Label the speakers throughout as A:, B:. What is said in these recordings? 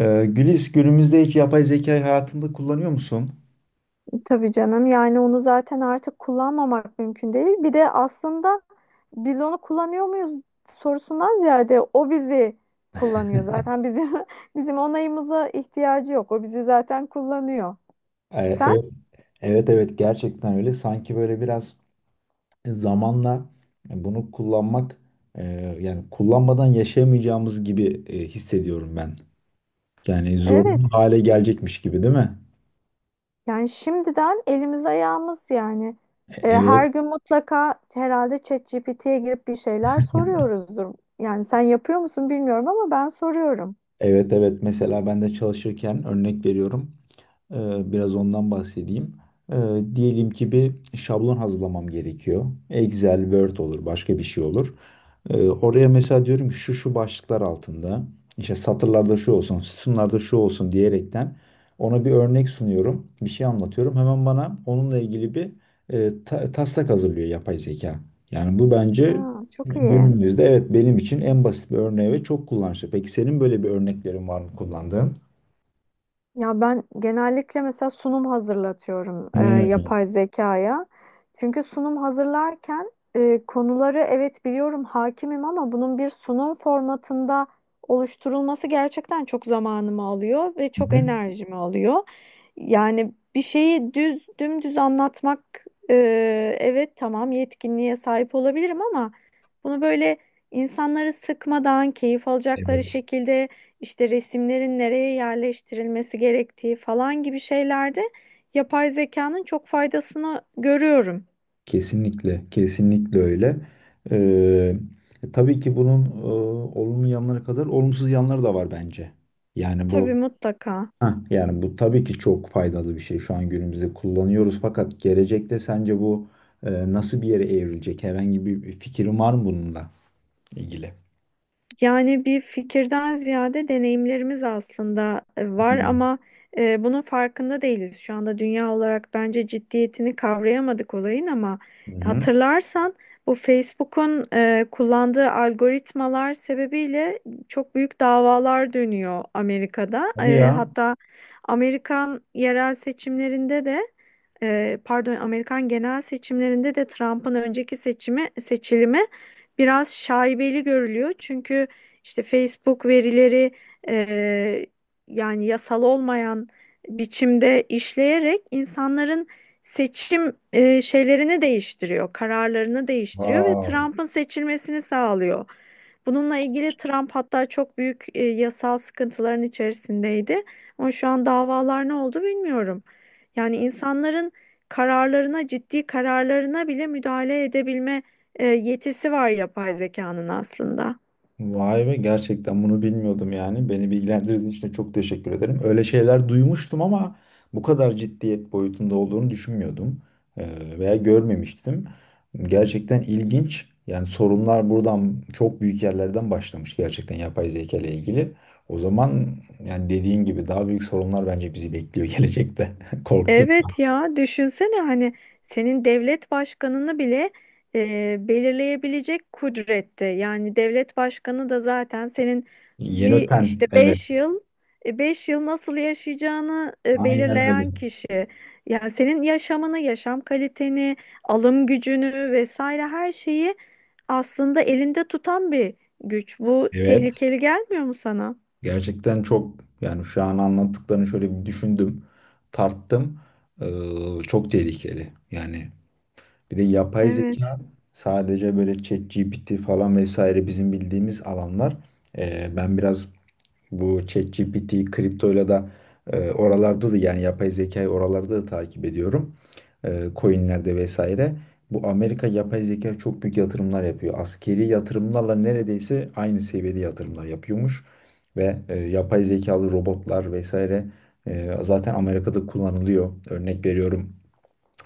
A: Gülis, günümüzde hiç yapay zekayı hayatında kullanıyor musun?
B: Tabii canım yani onu zaten artık kullanmamak mümkün değil. Bir de aslında biz onu kullanıyor muyuz sorusundan ziyade o bizi kullanıyor. Zaten bizim bizim onayımıza ihtiyacı yok. O bizi zaten kullanıyor.
A: Ee,
B: Sen?
A: Evet, evet evet, gerçekten öyle. Sanki böyle biraz zamanla bunu kullanmak e, yani kullanmadan yaşayamayacağımız gibi hissediyorum ben. Yani zorunlu
B: Evet.
A: hale gelecekmiş gibi değil mi?
B: Yani şimdiden elimiz ayağımız yani. Her
A: Evet,
B: gün mutlaka herhalde ChatGPT'ye girip bir şeyler soruyoruzdur. Yani sen yapıyor musun bilmiyorum ama ben soruyorum.
A: evet evet. Mesela ben de çalışırken örnek veriyorum. Biraz ondan bahsedeyim. Ee, Diyelim ki bir şablon hazırlamam gerekiyor. Excel, Word olur, başka bir şey olur. Oraya mesela diyorum ki şu şu başlıklar altında işte satırlarda şu olsun, sütunlarda şu olsun diyerekten ona bir örnek sunuyorum, bir şey anlatıyorum. Hemen bana onunla ilgili bir taslak hazırlıyor yapay zeka. Yani bu bence
B: Aa, çok iyi.
A: günümüzde, evet, benim için en basit bir örneği ve çok kullanışlı. Peki senin böyle bir örneklerin var mı kullandığın?
B: Ya ben genellikle mesela sunum hazırlatıyorum
A: Hmm.
B: yapay zekaya. Çünkü sunum hazırlarken konuları evet biliyorum hakimim ama bunun bir sunum formatında oluşturulması gerçekten çok zamanımı alıyor ve
A: Hı
B: çok
A: hı.
B: enerjimi alıyor. Yani bir şeyi düz dümdüz anlatmak e, evet tamam yetkinliğe sahip olabilirim ama bunu böyle insanları sıkmadan keyif alacakları
A: Evet.
B: şekilde işte resimlerin nereye yerleştirilmesi gerektiği falan gibi şeylerde yapay zekanın çok faydasını görüyorum.
A: Kesinlikle, kesinlikle öyle. Ee, tabii ki bunun olumlu yanları kadar olumsuz yanları da var bence. Yani bu
B: Tabii mutlaka.
A: yani bu tabii ki çok faydalı bir şey. Şu an günümüzde kullanıyoruz, fakat gelecekte sence bu nasıl bir yere evrilecek? Herhangi bir fikrin var mı bununla ilgili?
B: Yani bir fikirden ziyade deneyimlerimiz aslında
A: Hı
B: var ama bunun farkında değiliz. Şu anda dünya olarak bence ciddiyetini kavrayamadık olayın ama
A: hı.
B: hatırlarsan bu Facebook'un kullandığı algoritmalar sebebiyle çok büyük davalar dönüyor Amerika'da.
A: Hadi ya.
B: Hatta Amerikan yerel seçimlerinde de pardon Amerikan genel seçimlerinde de Trump'ın önceki seçimi seçilimi biraz şaibeli görülüyor. Çünkü işte Facebook verileri e, yani yasal olmayan biçimde işleyerek insanların seçim şeylerini değiştiriyor, kararlarını değiştiriyor ve
A: Wow.
B: Trump'ın seçilmesini sağlıyor. Bununla ilgili Trump hatta çok büyük yasal sıkıntıların içerisindeydi. Ama şu an davalar ne oldu bilmiyorum. Yani insanların kararlarına, ciddi kararlarına bile müdahale edebilme yetisi var yapay zekanın aslında.
A: Vay be, gerçekten bunu bilmiyordum yani. Beni bilgilendirdiğin için de çok teşekkür ederim. Öyle şeyler duymuştum, ama bu kadar ciddiyet boyutunda olduğunu düşünmüyordum veya görmemiştim. Gerçekten ilginç. Yani sorunlar buradan, çok büyük yerlerden başlamış gerçekten yapay zeka ile ilgili. O zaman yani dediğin gibi daha büyük sorunlar bence bizi bekliyor gelecekte. Korktum.
B: Evet ya düşünsene hani senin devlet başkanını bile belirleyebilecek kudrette. Yani devlet başkanı da zaten senin
A: Yeni
B: bir
A: öten.
B: işte
A: Evet.
B: beş yıl nasıl yaşayacağını
A: Aynen öyle.
B: belirleyen kişi. Yani senin yaşamını, yaşam kaliteni, alım gücünü vesaire her şeyi aslında elinde tutan bir güç. Bu
A: Evet.
B: tehlikeli gelmiyor mu sana?
A: Gerçekten çok, yani şu an anlattıklarını şöyle bir düşündüm, tarttım. Çok tehlikeli. Yani bir de yapay
B: Evet.
A: zeka sadece böyle ChatGPT falan vesaire, bizim bildiğimiz alanlar. Ben biraz bu ChatGPT, kriptoyla da oralarda da, yani yapay zekayı oralarda da takip ediyorum. E, coinlerde vesaire. Bu Amerika yapay zeka çok büyük yatırımlar yapıyor. Askeri yatırımlarla neredeyse aynı seviyede yatırımlar yapıyormuş. Ve yapay zekalı robotlar vesaire zaten Amerika'da kullanılıyor. Örnek veriyorum,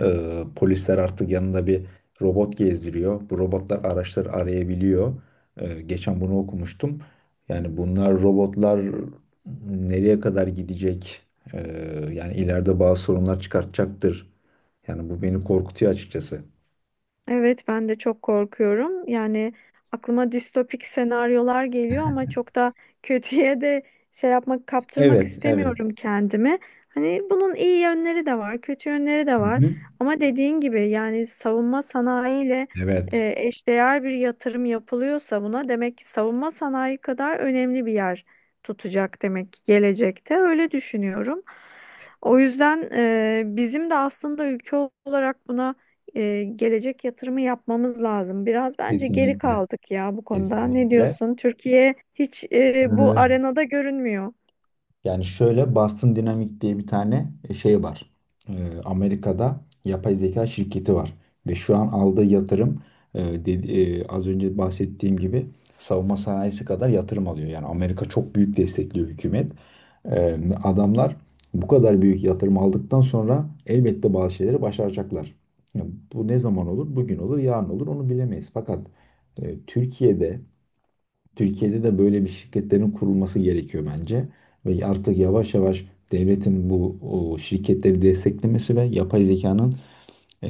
A: polisler artık yanında bir robot gezdiriyor. Bu robotlar araçları arayabiliyor. Geçen bunu okumuştum. Yani bunlar, robotlar nereye kadar gidecek? Ee, Yani ileride bazı sorunlar çıkartacaktır. Yani bu beni korkutuyor açıkçası.
B: Evet, ben de çok korkuyorum. Yani aklıma distopik senaryolar geliyor ama çok da kötüye de şey yapmak, kaptırmak
A: Evet, evet.
B: istemiyorum kendimi. Hani bunun iyi yönleri de var, kötü yönleri de
A: Hı
B: var.
A: hı.
B: Ama dediğin gibi yani savunma sanayiyle
A: Evet,
B: eşdeğer bir yatırım yapılıyorsa buna demek ki savunma sanayi kadar önemli bir yer tutacak demek ki gelecekte. Öyle düşünüyorum. O yüzden bizim de aslında ülke olarak buna gelecek yatırımı yapmamız lazım. Biraz bence geri
A: kesinlikle,
B: kaldık ya bu konuda. Ne
A: kesinlikle.
B: diyorsun? Türkiye hiç bu arenada görünmüyor.
A: Yani şöyle Boston Dynamics diye bir tane şey var. Amerika'da yapay zeka şirketi var. Ve şu an aldığı yatırım az önce bahsettiğim gibi savunma sanayisi kadar yatırım alıyor. Yani Amerika çok büyük destekliyor, hükümet. Adamlar bu kadar büyük yatırım aldıktan sonra elbette bazı şeyleri başaracaklar. Yani bu ne zaman olur? Bugün olur, yarın olur, onu bilemeyiz. Fakat e, Türkiye'de Türkiye'de de böyle bir şirketlerin kurulması gerekiyor bence. Ve artık yavaş yavaş devletin bu o şirketleri desteklemesi ve yapay zekanın e,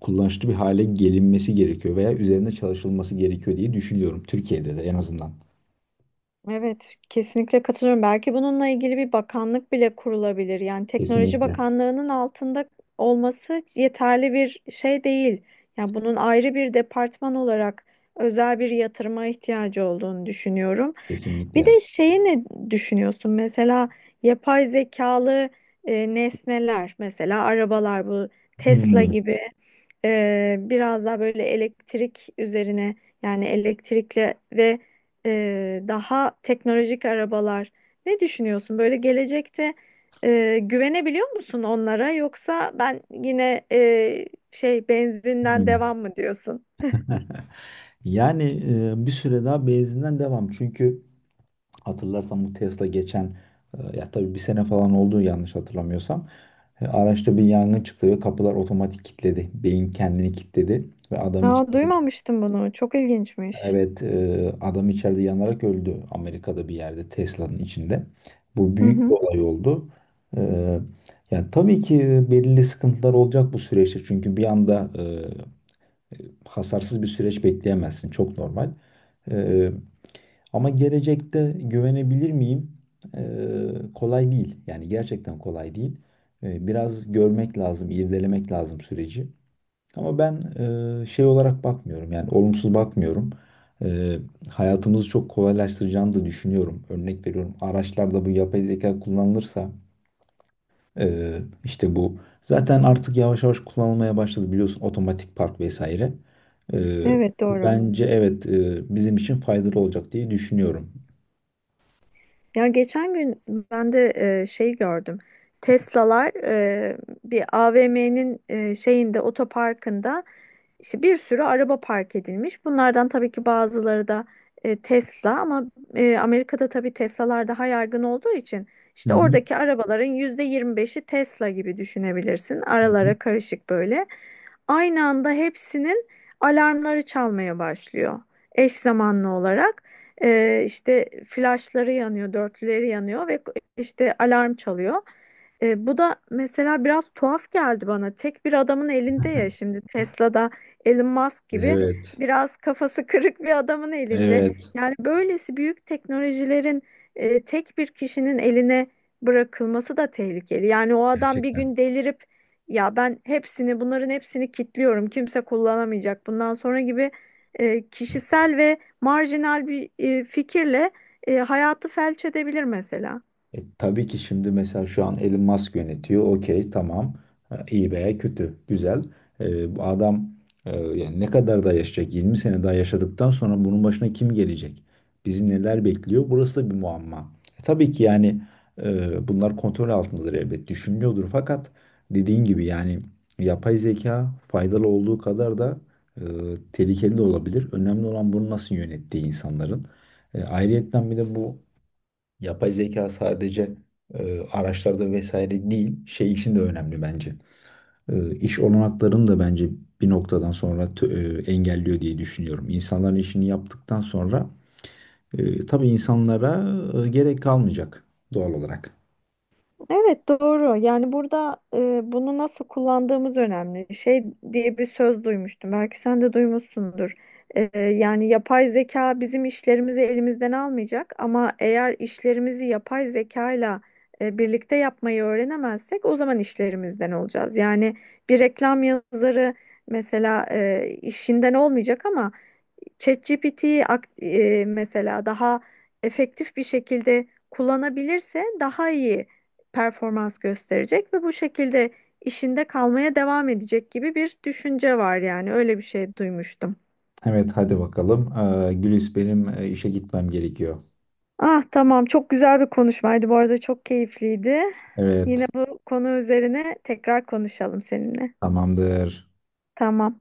A: kullanışlı bir hale gelinmesi gerekiyor veya üzerinde çalışılması gerekiyor diye düşünüyorum Türkiye'de de en azından.
B: Evet, kesinlikle katılıyorum. Belki bununla ilgili bir bakanlık bile kurulabilir. Yani Teknoloji
A: Kesinlikle.
B: Bakanlığı'nın altında olması yeterli bir şey değil. Yani bunun ayrı bir departman olarak özel bir yatırıma ihtiyacı olduğunu düşünüyorum. Bir
A: Kesinlikle.
B: de şeyi ne düşünüyorsun? Mesela yapay zekalı nesneler, mesela arabalar bu Tesla
A: Hmm.
B: gibi biraz daha böyle elektrik üzerine yani elektrikli ve daha teknolojik arabalar. Ne düşünüyorsun? Böyle gelecekte güvenebiliyor musun onlara yoksa ben yine şey benzinden
A: Hmm.
B: devam mı diyorsun?
A: Yani bir süre daha benzinden devam. Çünkü hatırlarsan bu Tesla geçen ya tabii bir sene falan oldu yanlış hatırlamıyorsam. E, araçta bir yangın çıktı ve kapılar otomatik kilitledi. Beyin kendini kilitledi ve adam
B: Aa,
A: içeride,
B: duymamıştım bunu. Çok ilginçmiş.
A: evet, adam içeride yanarak öldü Amerika'da bir yerde, Tesla'nın içinde. Bu
B: Hı
A: büyük bir
B: hı.
A: olay oldu. E, Yani tabii ki belirli sıkıntılar olacak bu süreçte, çünkü bir anda hasarsız bir süreç bekleyemezsin. Çok normal. E, Ama gelecekte güvenebilir miyim? Kolay değil. Yani gerçekten kolay değil. Biraz görmek lazım, irdelemek lazım süreci. Ama ben şey olarak bakmıyorum. Yani olumsuz bakmıyorum. Ee, Hayatımızı çok kolaylaştıracağını da düşünüyorum. Örnek veriyorum. Araçlarda bu yapay zeka kullanılırsa e, işte bu zaten artık yavaş yavaş kullanılmaya başladı, biliyorsun, otomatik park vesaire.
B: Evet doğru.
A: Bence evet, bizim için faydalı olacak diye düşünüyorum.
B: Ya geçen gün ben de şey gördüm. Tesla'lar bir AVM'nin şeyinde otoparkında İşte bir sürü araba park edilmiş. Bunlardan tabii ki bazıları da Tesla ama Amerika'da tabii Tesla'lar daha yaygın olduğu için
A: Hı
B: işte
A: hı.
B: oradaki arabaların %25'i Tesla gibi düşünebilirsin.
A: Hı hı.
B: Aralara karışık böyle. Aynı anda hepsinin alarmları çalmaya başlıyor. Eş zamanlı olarak işte flaşları yanıyor, dörtlüleri yanıyor ve işte alarm çalıyor. Bu da mesela biraz tuhaf geldi bana. Tek bir adamın elinde ya şimdi Tesla'da Elon Musk gibi
A: Evet.
B: biraz kafası kırık bir adamın elinde.
A: Evet.
B: Yani böylesi büyük teknolojilerin tek bir kişinin eline bırakılması da tehlikeli. Yani o adam bir
A: Gerçekten.
B: gün delirip ya ben hepsini bunların hepsini kilitliyorum kimse kullanamayacak bundan sonra gibi kişisel ve marjinal bir fikirle hayatı felç edebilir mesela.
A: Tabii ki şimdi mesela şu an Elon Musk yönetiyor. Okey, tamam. Ha, İyi veya kötü, güzel. Bu adam yani ne kadar daha yaşayacak? 20 sene daha yaşadıktan sonra bunun başına kim gelecek? Bizi neler bekliyor? Burası da bir muamma. Tabii ki yani bunlar kontrol altındadır elbet. Düşünülüyordur, fakat dediğin gibi yani yapay zeka faydalı olduğu kadar da e, tehlikeli de olabilir. Önemli olan bunu nasıl yönettiği insanların. Ayrıyetten bir de bu yapay zeka sadece araçlarda vesaire değil, şey için de önemli bence. İş olanaklarını da bence bir noktadan sonra engelliyor diye düşünüyorum. İnsanların işini yaptıktan sonra tabii insanlara gerek kalmayacak doğal olarak.
B: Evet doğru. Yani burada bunu nasıl kullandığımız önemli. Şey diye bir söz duymuştum. Belki sen de duymuşsundur. Yani yapay zeka bizim işlerimizi elimizden almayacak ama eğer işlerimizi yapay zekayla birlikte yapmayı öğrenemezsek o zaman işlerimizden olacağız. Yani bir reklam yazarı mesela işinden olmayacak ama mesela daha efektif bir şekilde kullanabilirse daha iyi performans gösterecek ve bu şekilde işinde kalmaya devam edecek gibi bir düşünce var yani öyle bir şey duymuştum.
A: Evet, hadi bakalım. E, Gülis, benim işe gitmem gerekiyor.
B: Ah tamam çok güzel bir konuşmaydı bu arada çok keyifliydi. Yine
A: Evet,
B: bu konu üzerine tekrar konuşalım seninle.
A: tamamdır.
B: Tamam.